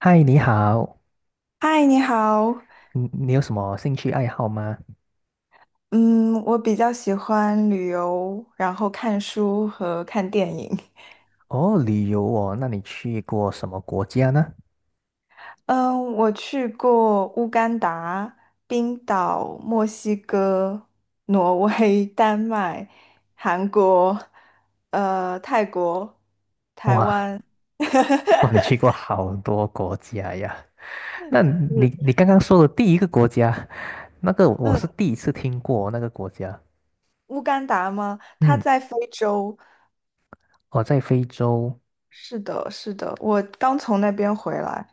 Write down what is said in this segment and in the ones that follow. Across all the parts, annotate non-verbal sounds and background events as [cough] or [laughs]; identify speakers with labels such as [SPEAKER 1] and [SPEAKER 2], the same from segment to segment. [SPEAKER 1] 嗨，你好，
[SPEAKER 2] 嗨，你好。
[SPEAKER 1] 嗯，你有什么兴趣爱好吗？
[SPEAKER 2] 嗯，我比较喜欢旅游，然后看书和看电影。
[SPEAKER 1] 哦，旅游哦，那你去过什么国家呢？
[SPEAKER 2] 嗯，我去过乌干达、冰岛、墨西哥、挪威、[laughs] 丹麦、韩国，泰国。
[SPEAKER 1] 哇，[laughs] 哇，你去过好多国家呀。[laughs] 那
[SPEAKER 2] 嗯，
[SPEAKER 1] 你刚刚说的第一个国家，那个我
[SPEAKER 2] 嗯，
[SPEAKER 1] 是第一次听过那个国家。
[SPEAKER 2] 乌干达吗？它
[SPEAKER 1] 嗯，
[SPEAKER 2] 在非洲。
[SPEAKER 1] 哦，在非洲，
[SPEAKER 2] 是的，是的，我刚从那边回来。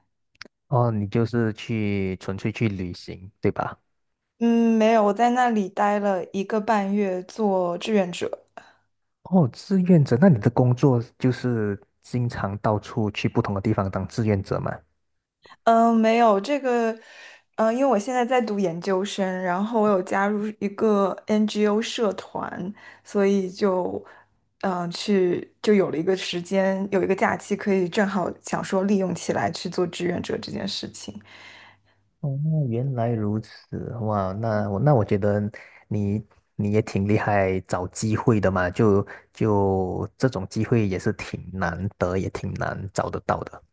[SPEAKER 1] 哦，你就是去纯粹去旅行，对吧？
[SPEAKER 2] 嗯，没有，我在那里待了一个半月做志愿者。
[SPEAKER 1] 哦，志愿者，那你的工作就是经常到处去不同的地方当志愿者吗？
[SPEAKER 2] 嗯，没有这个，因为我现在在读研究生，然后我有加入一个 NGO 社团，所以就，去就有了一个时间，有一个假期，可以正好想说利用起来去做志愿者这件事情。
[SPEAKER 1] 哦，原来如此，哇，那我觉得你你也挺厉害，找机会的嘛，就这种机会也是挺难得，也挺难找得到的。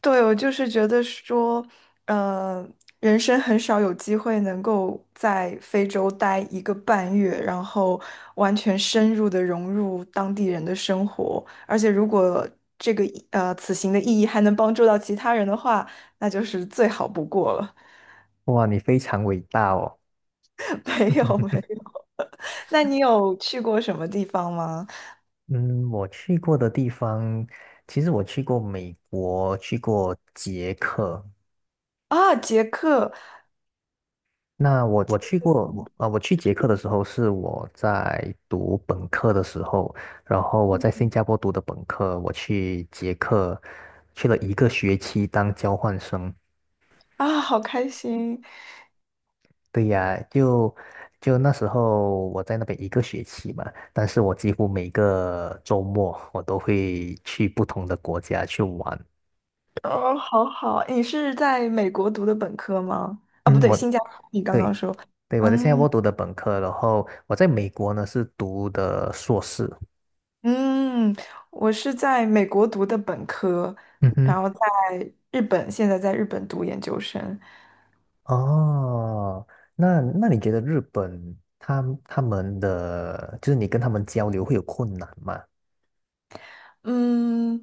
[SPEAKER 2] 对，我就是觉得说，呃，人生很少有机会能够在非洲待一个半月，然后完全深入的融入当地人的生活。而且，如果这个意呃此行的意义还能帮助到其他人的话，那就是最好不过了。
[SPEAKER 1] 哇，你非常伟大哦。
[SPEAKER 2] [laughs] 没有，没
[SPEAKER 1] [laughs]
[SPEAKER 2] 有。那你有去过什么地方吗？
[SPEAKER 1] 嗯，我去过的地方，其实我去过美国，去过捷克，
[SPEAKER 2] 啊，捷克
[SPEAKER 1] 那我去过，我去捷克的时候是我在读本科的时候，然后我在新加坡读的本科，我去捷克去了一个学期当交换生。
[SPEAKER 2] 啊，好开心！
[SPEAKER 1] 对呀，就那时候我在那边一个学期嘛，但是我几乎每个周末我都会去不同的国家去玩。
[SPEAKER 2] 哦，好好，你是在美国读的本科吗？啊，不
[SPEAKER 1] 嗯，
[SPEAKER 2] 对，
[SPEAKER 1] 我
[SPEAKER 2] 新加坡，你刚刚
[SPEAKER 1] 对
[SPEAKER 2] 说，
[SPEAKER 1] 对我在新加
[SPEAKER 2] 嗯
[SPEAKER 1] 坡读的本科，然后我在美国呢是读的硕士。
[SPEAKER 2] 嗯，我是在美国读的本科，
[SPEAKER 1] 嗯哼。
[SPEAKER 2] 然后在日本，现在在日本读研究生。
[SPEAKER 1] 哦，那那你觉得日本他们的，就是你跟他们交流会有困难吗？
[SPEAKER 2] 嗯，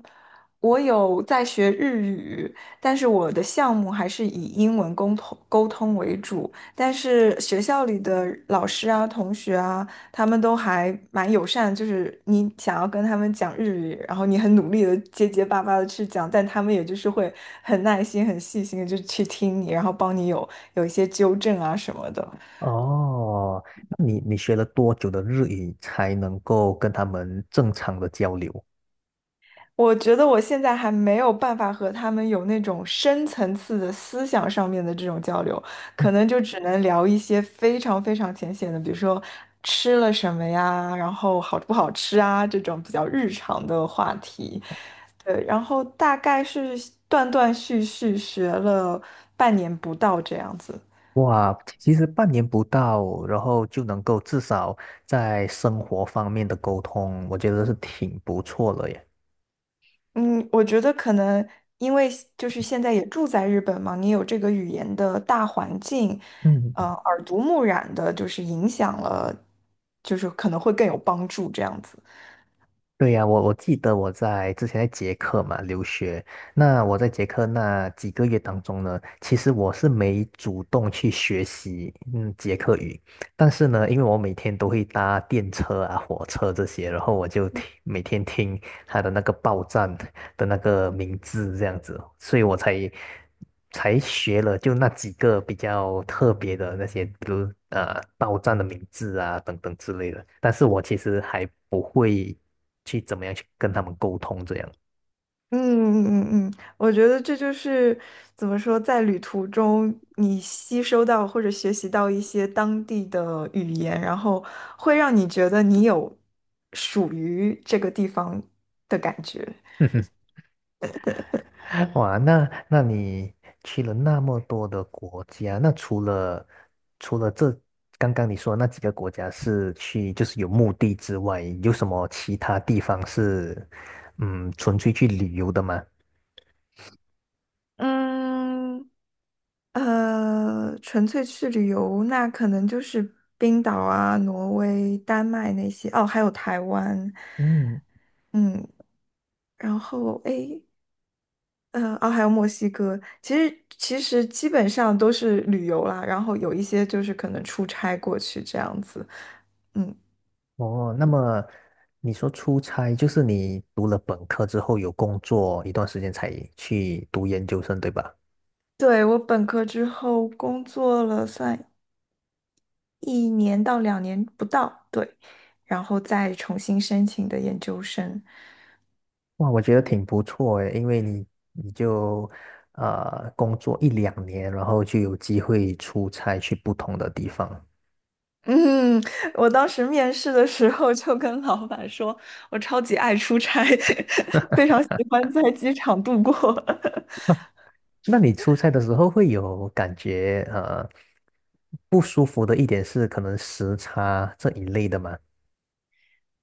[SPEAKER 2] 我有在学日语，但是我的项目还是以英文沟通为主。但是学校里的老师啊、同学啊，他们都还蛮友善，就是你想要跟他们讲日语，然后你很努力的结结巴巴的去讲，但他们也就是会很耐心、很细心的就去听你，然后帮你有一些纠正啊什么的。
[SPEAKER 1] 哦，那你学了多久的日语才能够跟他们正常的交流？
[SPEAKER 2] 我觉得我现在还没有办法和他们有那种深层次的思想上面的这种交流，
[SPEAKER 1] [laughs] 嗯
[SPEAKER 2] 可能就只能聊一些非常非常浅显的，比如说吃了什么呀，然后好不好吃啊这种比较日常的话题。对，然后大概是断断续续学了半年不到这样子。
[SPEAKER 1] 哇，其实半年不到，然后就能够至少在生活方面的沟通，我觉得是挺不错了耶。
[SPEAKER 2] 嗯，我觉得可能因为就是现在也住在日本嘛，你有这个语言的大环境，
[SPEAKER 1] 嗯。
[SPEAKER 2] 耳濡目染的，就是影响了，就是可能会更有帮助这样子。
[SPEAKER 1] 对呀，我记得我在之前在捷克嘛留学，那我在捷克那几个月当中呢，其实我是没主动去学习捷克语，但是呢，因为我每天都会搭电车啊、火车这些，然后我就听每天听他的那个报站的那个名字这样子，所以我才学了就那几个比较特别的那些，比如报站的名字啊等等之类的。但是我其实还不会去怎么样去跟他们沟通这样。
[SPEAKER 2] 嗯嗯嗯，嗯，我觉得这就是怎么说，在旅途中你吸收到或者学习到一些当地的语言，然后会让你觉得你有属于这个地方的感觉。
[SPEAKER 1] [laughs] [laughs] 哇，那那你去了那么多的国家，那除了这刚刚你说的那几个国家是去就是有目的之外，有什么其他地方是纯粹去旅游的吗？
[SPEAKER 2] 嗯，纯粹去旅游，那可能就是冰岛啊、挪威、丹麦那些，哦，还有台湾，
[SPEAKER 1] 嗯，
[SPEAKER 2] 嗯，然后诶，嗯，哦，还有墨西哥。其实基本上都是旅游啦，然后有一些就是可能出差过去这样子。嗯，
[SPEAKER 1] 哦，那么你说出差，就是你读了本科之后有工作一段时间才去读研究生，对吧？
[SPEAKER 2] 对，我本科之后工作了，算一年到2年不到，对，然后再重新申请的研究生。
[SPEAKER 1] 哇，我觉得挺不错诶，因为你工作一两年，然后就有机会出差去不同的地方。
[SPEAKER 2] 嗯，我当时面试的时候就跟老板说，我超级爱出差，[laughs] 非常喜欢在机场度过。[laughs]
[SPEAKER 1] 那你出差的时候会有感觉不舒服的一点是可能时差这一类的吗？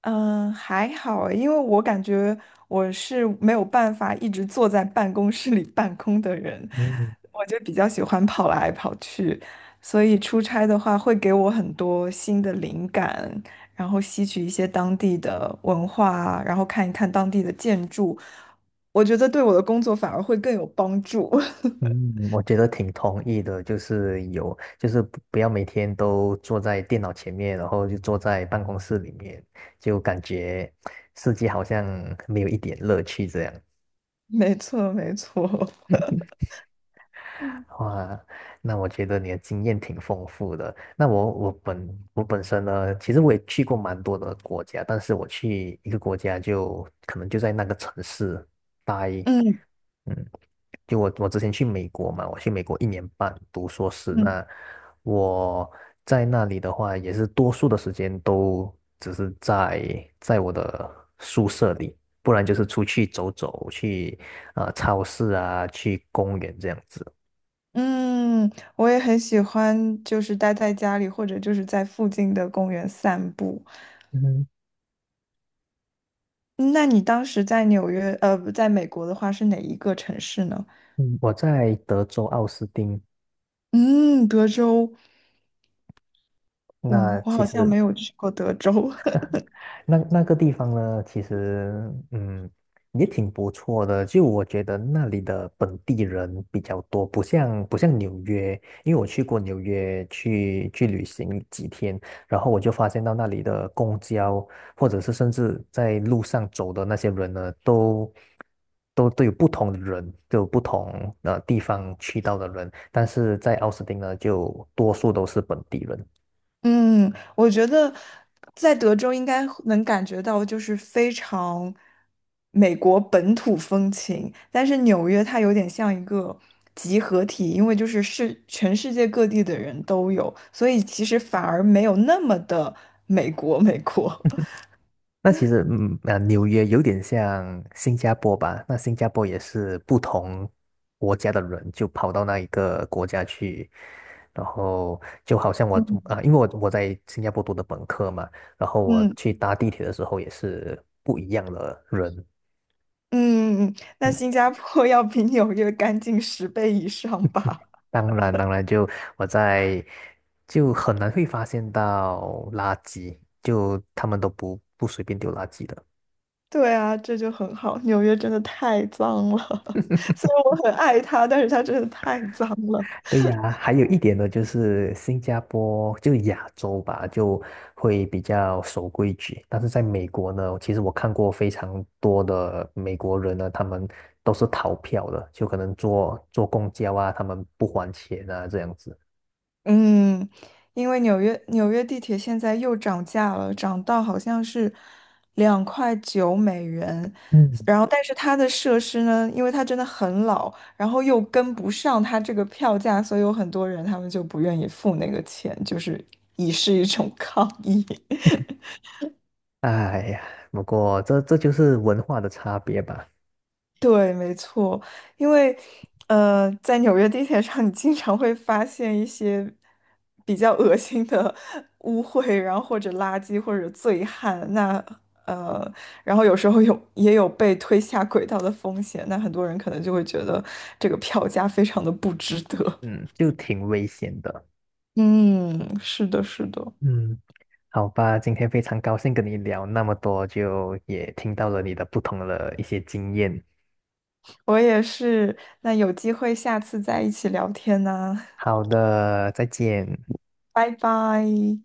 [SPEAKER 2] 嗯，还好诶因为我感觉我是没有办法一直坐在办公室里办公的人，
[SPEAKER 1] 嗯
[SPEAKER 2] 我就比较喜欢跑来跑去，所以出差的话会给我很多新的灵感，然后吸取一些当地的文化啊然后看一看当地的建筑，我觉得对我的工作反而会更有帮助。[laughs]
[SPEAKER 1] 嗯，我觉得挺同意的，就是有就是不不要每天都坐在电脑前面，然后就坐在办公室里面，就感觉世界好像没有一点乐趣这样。
[SPEAKER 2] 没错，没错。嗯
[SPEAKER 1] 哇，那我觉得你的经验挺丰富的。那我本身呢，其实我也去过蛮多的国家，但是我去一个国家就可能就在那个城市待，
[SPEAKER 2] 嗯
[SPEAKER 1] 嗯，就我之前去美国嘛，我去美国一年半读硕士，
[SPEAKER 2] 嗯。
[SPEAKER 1] 那我在那里的话，也是多数的时间都只是在我的宿舍里，不然就是出去走走，去超市啊，去公园这样子。
[SPEAKER 2] 嗯，我也很喜欢，就是待在家里或者就是在附近的公园散步。
[SPEAKER 1] 嗯。
[SPEAKER 2] 嗯那你当时在纽约，不在美国的话是哪一个城市呢？
[SPEAKER 1] 嗯，我在德州奥斯汀，
[SPEAKER 2] 嗯，德州。嗯，
[SPEAKER 1] 那
[SPEAKER 2] 我
[SPEAKER 1] 其
[SPEAKER 2] 好像
[SPEAKER 1] 实
[SPEAKER 2] 没有去过德州。
[SPEAKER 1] 那那个地方呢，其实嗯也挺不错的。就我觉得那里的本地人比较多，不像纽约，因为我去过纽约去旅行几天，然后我就发现到那里的公交，或者是甚至在路上走的那些人呢，都有不同的人，都有不同地方去到的人，但是在奥斯汀呢，就多数都是本地人。
[SPEAKER 2] 嗯，我觉得在德州应该能感觉到，就是非常美国本土风情。但是纽约它有点像一个集合体，因为就是是全世界各地的人都有，所以其实反而没有那么的美国美国。[laughs]
[SPEAKER 1] 那其实，嗯，啊，纽约有点像新加坡吧？那新加坡也是不同国家的人就跑到那一个国家去，然后就好像我
[SPEAKER 2] 嗯
[SPEAKER 1] 啊，因为我在新加坡读的本科嘛，然后我
[SPEAKER 2] 嗯
[SPEAKER 1] 去搭地铁的时候也是不一样的人。
[SPEAKER 2] 嗯，那
[SPEAKER 1] 嗯，
[SPEAKER 2] 新加坡要比纽约干净10倍以上吧。
[SPEAKER 1] 当然，当然就我在就很难会发现到垃圾，就他们都不随便丢垃圾的。
[SPEAKER 2] 对啊，这就很好。纽约真的太脏了，[laughs] 虽然我很爱它，但是它真的太脏了。
[SPEAKER 1] 对呀，还有一点呢，就是新加坡就亚洲吧，就会比较守规矩。但是在美国呢，其实我看过非常多的美国人呢，他们都是逃票的，就可能坐公交啊，他们不还钱啊，这样子。
[SPEAKER 2] 嗯，因为纽约地铁现在又涨价了，涨到好像是2.9美元。
[SPEAKER 1] 嗯。
[SPEAKER 2] 然后，但是它的设施呢，因为它真的很老，然后又跟不上它这个票价，所以有很多人他们就不愿意付那个钱，就是以示一种 [laughs] 抗议。
[SPEAKER 1] 哎呀，不过这就是文化的差别吧，
[SPEAKER 2] 对，没错，因为在纽约地铁上，你经常会发现一些比较恶心的 [laughs] 污秽，然后或者垃圾或者醉汉，呃，然后有时候也有被推下轨道的风险，那很多人可能就会觉得这个票价非常的不值得。
[SPEAKER 1] 嗯，就挺危险的。
[SPEAKER 2] [laughs] 嗯，是的，是的，
[SPEAKER 1] 嗯，好吧，今天非常高兴跟你聊那么多，就也听到了你的不同的一些经验。
[SPEAKER 2] 我也是。那有机会下次再一起聊天呢，
[SPEAKER 1] 好的，再见。
[SPEAKER 2] 拜拜。